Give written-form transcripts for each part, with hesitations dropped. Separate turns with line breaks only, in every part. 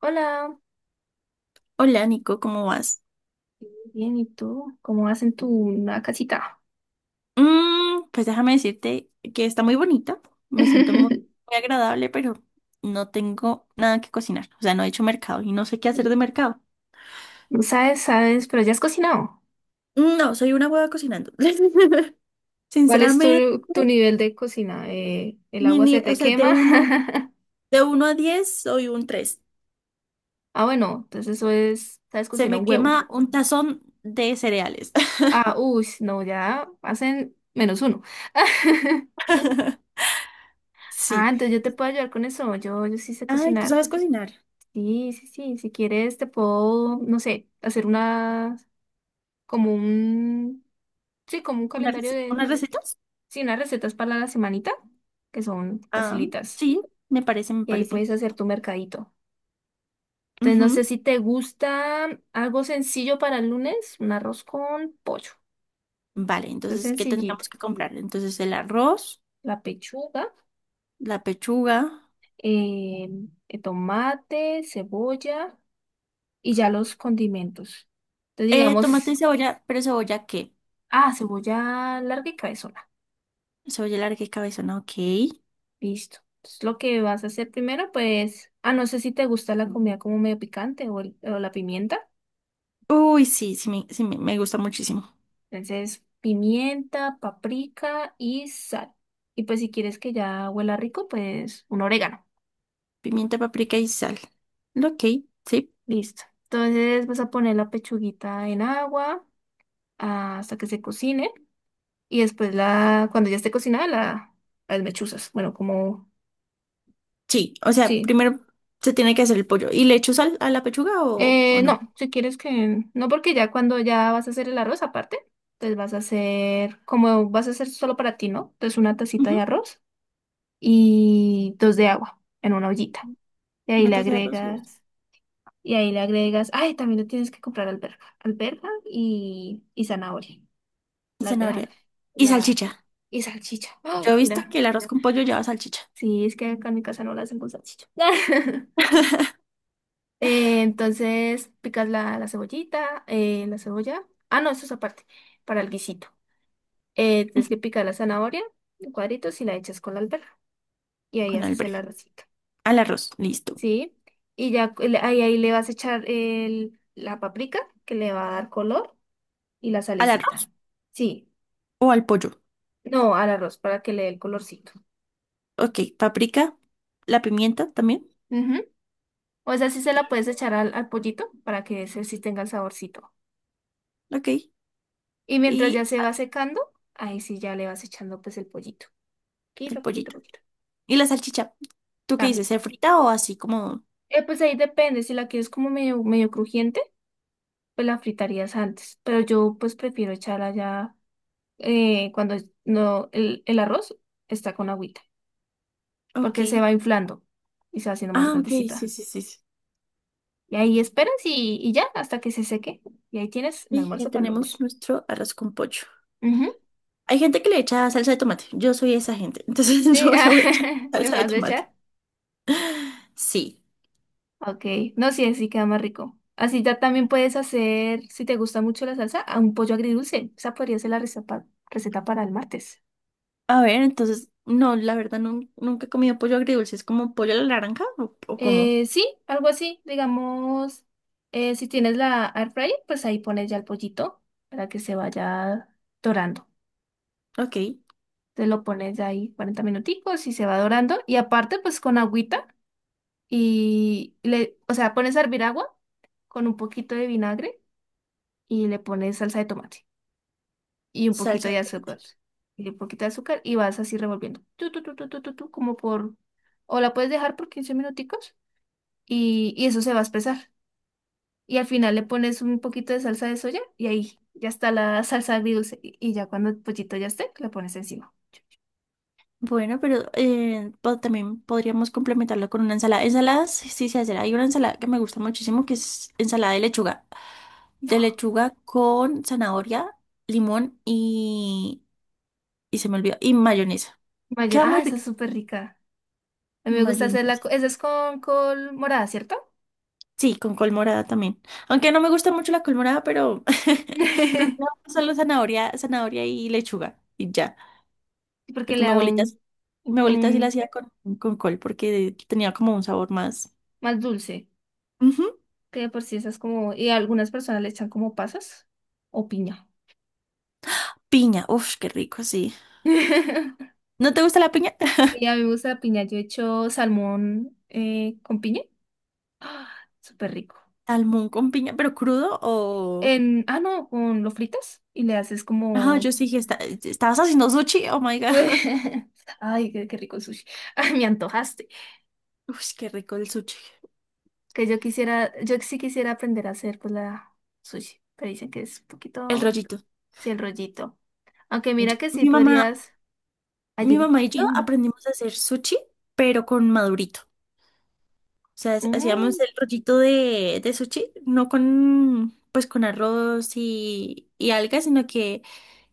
Hola,
Hola, Nico, ¿cómo vas?
bien, ¿y tú? ¿Cómo vas en tu nueva casita?
Pues déjame decirte que está muy bonita, me siento muy agradable, pero no tengo nada que cocinar, o sea, no he hecho mercado y no sé qué hacer de mercado.
No sabes, sabes, pero ya has cocinado.
No, soy una hueva cocinando.
¿Cuál es
Sinceramente,
tu nivel de cocina? ¿El
mi
agua
ni-
se
o
te
sea,
quema?
de uno a 10, soy un 3.
Ah, bueno, entonces eso es, sabes
Se
cocinar
me
un huevo.
quema un tazón de cereales.
Ah, uy, no, ya hacen menos uno. Ah,
Sí.
entonces yo te puedo ayudar con eso. Yo sí sé
Ay, ¿tú
cocinar.
sabes cocinar?
Sí, sí, sí. Si quieres, te puedo, no sé, hacer como un, sí, como un calendario de,
¿Unas recetas?
sí, unas recetas para la semanita, que son
Ah,
facilitas.
sí, me
Y ahí
parece.
puedes hacer tu mercadito. Entonces, no sé
Ujú.
si te gusta algo sencillo para el lunes, un arroz con pollo.
Vale,
Eso es
entonces, ¿qué
sencillito.
tendríamos que comprar? Entonces, el arroz,
La pechuga,
la pechuga,
eh, el tomate, cebolla y ya los condimentos. Entonces, digamos,
tomate y cebolla, pero ¿cebolla qué?
ah, cebolla larga y cabezona.
Cebolla larga y cabezona, ok.
Listo. Entonces, lo que vas a hacer primero, pues, ah, no sé si te gusta la comida como medio picante o, o la pimienta.
Uy, sí, me gusta muchísimo.
Entonces, pimienta, paprika y sal. Y pues si quieres que ya huela rico, pues un orégano.
Pimienta, paprika y sal. Ok, sí.
Listo. Entonces vas a poner la pechuguita en agua hasta que se cocine. Y después cuando ya esté cocinada, la, las mechuzas. Bueno, como,
Sí, o sea,
sí.
primero se tiene que hacer el pollo. ¿Y le echo sal a la pechuga o no?
No, si quieres que, no porque ya cuando ya vas a hacer el arroz aparte, entonces vas a hacer, como vas a hacer solo para ti, ¿no? Entonces una tacita
Ujú.
de arroz y dos de agua en una ollita. Y ahí
Una
le
taza de arroz y
agregas. Y ahí le agregas, ay, también le tienes que comprar alberja y zanahoria, la alberja,
zanahoria. Y
la
salchicha.
y salchicha.
Yo
Ay,
he visto
mira,
que el arroz con pollo lleva salchicha
sí, es que acá en mi casa no la hacen con salchicha. Entonces picas la cebollita, la cebolla. Ah, no, eso es aparte, para el guisito. Tienes que picar la zanahoria en cuadritos y la echas con la alberja. Y ahí
con
haces el
alberga.
arrocito,
Al arroz, listo.
¿sí? Y ya ahí, ahí le vas a echar la paprika que le va a dar color. Y la
¿Al arroz
salecita. Sí,
o al pollo?
no, al arroz para que le dé el colorcito.
Ok, paprika, la pimienta también.
Ujú. O esa sí se la
y-
puedes echar al pollito para que ese sí tenga el saborcito.
Ok,
Y mientras ya
y
se va secando, ahí sí ya le vas echando pues el pollito.
el
Poquito, poquito,
pollito.
poquito.
Y la salchicha. ¿Tú qué dices?
También.
¿Se frita o así como...?
Pues ahí depende, si la quieres como medio crujiente, pues la fritarías antes. Pero yo pues prefiero echarla ya cuando no, el arroz está con agüita,
Ok.
porque se va inflando y se va haciendo más
Ah, ok, sí, sí,
grandecita.
sí, sí.
Y ahí esperas y ya, hasta que se seque. Y ahí tienes el
Y ya
almuerzo para el
tenemos
lunes.
nuestro arroz con pollo.
Ujú.
Hay gente que le echa salsa de tomate. Yo soy esa gente. Entonces
Sí,
yo
ah,
le voy a echar
¿le
salsa de
vas a
tomate.
echar?
Sí.
Ok, no, sí, así queda más rico. Así ya también puedes hacer, si te gusta mucho la salsa, a un pollo agridulce. Esa podría ser receta para el martes.
A ver, entonces, no, la verdad nunca he comido pollo agridulce. ¿Es como pollo a la naranja o cómo?
Sí, algo así, digamos, si tienes la air fryer, pues ahí pones ya el pollito para que se vaya dorando.
Ok,
Te lo pones ahí 40 minuticos y se va dorando. Y aparte, pues con agüita. Y o sea, pones a hervir agua con un poquito de vinagre y le pones salsa de tomate y un poquito
salsa
de
de tomate.
azúcar y un poquito de azúcar y vas así revolviendo. Tu, como por... O la puedes dejar por 15 minuticos y eso se va a espesar. Y al final le pones un poquito de salsa de soya y ahí ya está la salsa agridulce. Y ya cuando el pollito ya esté, la pones encima.
Bueno, pero también podríamos complementarlo con una ensalada. Ensaladas, sí sí se hace. Hay una ensalada que me gusta muchísimo, que es ensalada de lechuga. De lechuga con zanahoria, limón y se me olvidó, y mayonesa.
Mayor,
Queda
ah,
muy
esa es
rica.
súper rica. A mí
Y
me gusta hacerla.
mayonesa.
Esa es con col morada, ¿cierto?
Sí, con col morada también. Aunque no me gusta mucho la col morada, pero prefiero solo zanahoria, zanahoria y lechuga. Y ya.
Porque
Porque
le da un, un,
mi abuelita sí la
un
hacía con col porque tenía como un sabor más.
más dulce, que de por sí esas como, y a algunas personas le echan como pasas o piña.
Piña, uf, qué rico, sí. ¿No te gusta la piña?
Sí, a mí me gusta la piña, yo he hecho salmón con piña, ¡ah! Súper rico.
Salmón con piña, pero ¿crudo o...?
No, con lo fritas y le haces
Ajá,
como...
yo sí que está... ¿Estabas haciendo sushi? Oh my God.
Ay, qué, qué rico el sushi. Ay, me antojaste.
Uf, qué rico el sushi.
Que yo quisiera, yo sí quisiera aprender a hacer pues la sushi, pero dicen que es un
El
poquito,
rollito.
sí, el rollito. Aunque mira
Yo-
que sí
mi mamá,
podrías ay,
mi
dime.
mamá y yo
Mm,
aprendimos a hacer sushi, pero con madurito. O sea, hacíamos
mm.
el rollito de sushi, no con, pues con arroz y algas, sino que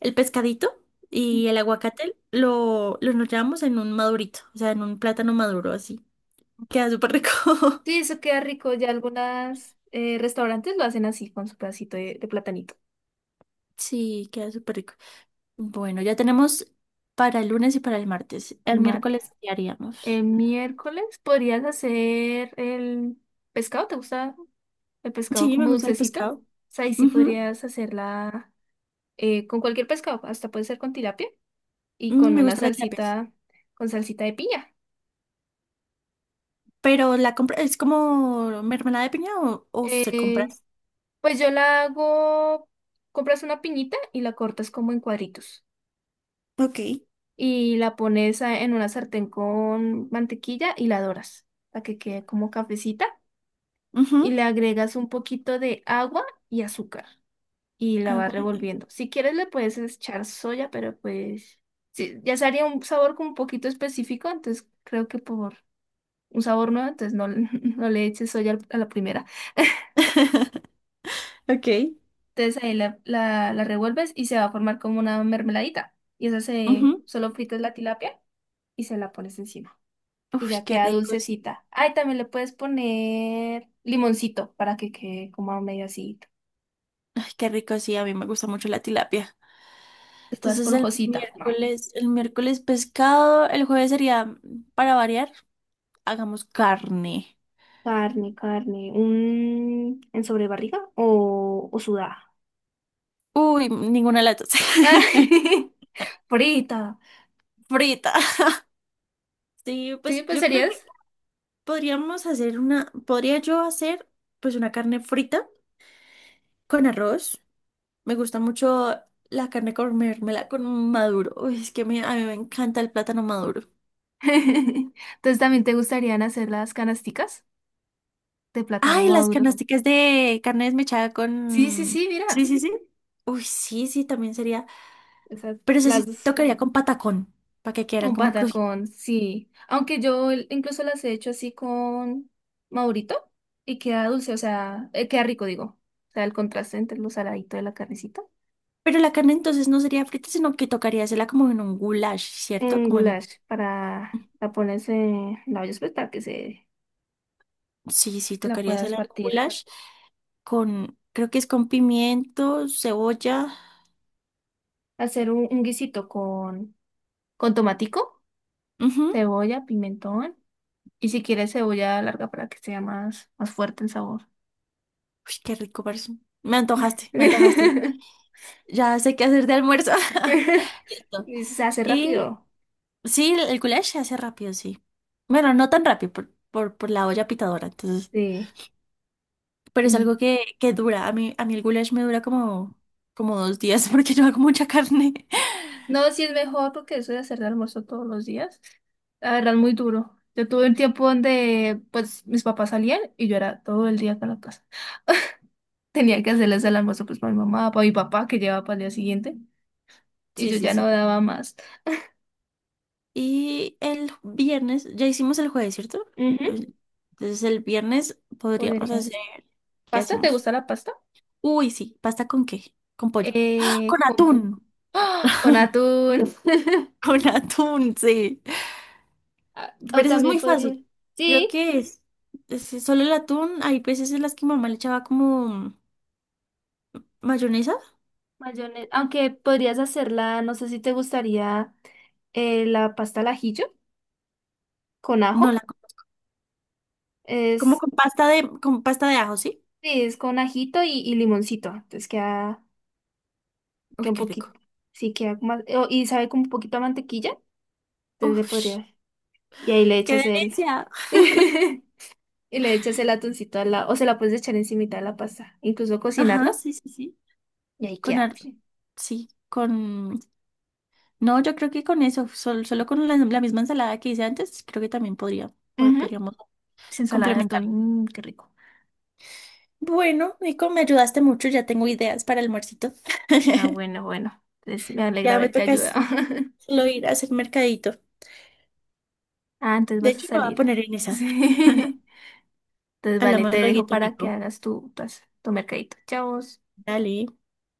el pescadito y el aguacate lo enrollábamos en un madurito, o sea, en un plátano maduro así. Queda súper rico.
Sí, eso queda rico. Ya algunos restaurantes lo hacen así, con su pedacito de platanito.
Sí, queda súper rico. Bueno, ya tenemos para el lunes y para el martes. El
Marta.
miércoles, ¿qué
El
haríamos?
miércoles podrías hacer el pescado. ¿Te gusta el pescado
Sí, me
como
gusta el
dulcecito? O
pescado.
sea, ahí sí
Ujú,
podrías hacerla con cualquier pescado. Hasta puede ser con tilapia y
mm,
con
me gusta la tilapia. Sí.
con salsita de piña.
Pero ¿la compra es como mermelada de piña o se compra?
Eh, pues yo la hago, compras una piñita y la cortas como en cuadritos.
Ok.
Y la pones en una sartén con mantequilla y la doras para que quede como cafecita y
Ujú,
le agregas un poquito de agua y azúcar y la vas
agua.
revolviendo. Si quieres le puedes echar soya, pero pues sí, ya se haría un sabor como un poquito específico, entonces creo que por un sabor nuevo, entonces no, no le eches soya a la primera.
Ok.
Entonces ahí la revuelves y se va a formar como una mermeladita. Y esa se,
Ujú.
solo fritas la tilapia y se la pones encima. Y
Uf,
ya
qué
queda
ricos.
dulcecita. Ay, también le puedes poner limoncito para que quede como medio así,
Ay, qué rico, sí, a mí me gusta mucho la tilapia.
pues toda
Entonces
esponjosita. No.
el miércoles pescado, el jueves sería, para variar, hagamos carne.
Carne, carne. ¿Un en sobrebarriga o sudada?
Uy, ninguna de las dos.
Ay, frita.
Frita. Sí,
Sí,
pues
pues
yo creo que
serías.
podríamos hacer una, podría yo hacer pues una carne frita con arroz. Me gusta mucho la carne comérmela con maduro. Uy, es que a mí me encanta el plátano maduro.
Entonces, ¿también te gustarían hacer las canasticas de plátano
Ay, las
maduro?
canasticas de carne desmechada
Sí, sí,
con...
sí,
Sí,
mira.
sí, sí. Uy, sí, sí, también sería.
Esas,
Pero eso sí
las dos.
tocaría con patacón, para que quedaran
Un
como crujientes.
patacón, sí. Aunque yo incluso las he hecho así con Maurito y queda dulce, o sea, queda rico, digo. O sea, el contraste entre lo saladito de la carnecita.
Pero la carne entonces no sería frita, sino que tocaría hacerla como en un goulash, ¿cierto?
Un
Como en
goulash para la pones en la olla pues, para que se
sí, sí,
la
tocaría hacer
puedas
el
partir.
goulash con, creo que es con pimiento, cebolla.
Hacer un guisito con tomatico,
Ujú.
cebolla, pimentón y si quieres cebolla larga para que sea más, más fuerte el sabor.
Uy, qué rico parece. Me antojaste. Ya sé qué hacer de almuerzo. Listo.
Y se hace
Y
rápido.
sí, el goulash se hace rápido, sí. Bueno, no tan rápido por la olla pitadora, entonces.
Sí.
Pero es
Y
algo que dura. A mí el goulash me dura como, como 2 días porque yo hago mucha carne.
no, sí es mejor porque eso de hacer de almuerzo todos los días, la verdad es muy duro. Yo tuve un tiempo donde pues mis papás salían y yo era todo el día acá en la casa. Tenía que hacerles el almuerzo pues para mi mamá, para mi papá que llevaba para el día siguiente y
Sí,
yo
sí,
ya no
sí.
daba más.
Y el viernes, ya hicimos el jueves, ¿cierto?
Ujú,
El- Entonces el viernes podríamos
podría.
hacer, ¿qué
¿Pasta? ¿Te
hacemos?
gusta la pasta?
Uy, sí, ¿pasta con qué? ¿Con pollo? ¡Ah!
Eh,
Con
con, pu-
atún.
con atún.
Con atún, sí.
Ah, o
Pero eso es
también
muy
podría.
fácil. Creo
Sí,
que es solo el atún. Hay veces en las que mamá le echaba como mayonesa.
mayonesa. Aunque podrías hacerla, no sé si te gustaría la pasta al ajillo con
No, la,
ajo.
¿como
Es
con pasta con pasta de ajo, sí?
Sí, es con ajito y limoncito. Entonces queda,
Uy,
queda un
qué rico.
poquito. Sí, queda más. O y sabe como un poquito a mantequilla. Entonces le
Uf,
podría. Y ahí le
qué
echas el.
delicia.
Y le echas el atuncito a la. O se la puedes echar encimita de la pasta. Incluso
Ajá,
cocinarlo.
sí, sí, sí.
Y ahí
Con,
queda.
ar-
Sí.
sí, con no, yo creo que con eso, solo con la misma ensalada que hice antes, creo que también
Ujú.
podríamos
Sí, ensalada de
complementar.
atún. Mm, qué rico.
Bueno, Nico, me ayudaste mucho, ya tengo ideas para el almuercito.
Ah, bueno, bueno. Entonces me alegra
Ya me
haberte
toca
ayudado.
es solo ir a hacer mercadito.
Ah, entonces
De
vas a
hecho, me voy a
salir.
poner en esa.
Sí. Entonces vale,
Hablamos
te
luego,
dejo para que
Nico.
hagas tu mercadito. Chao.
Dale.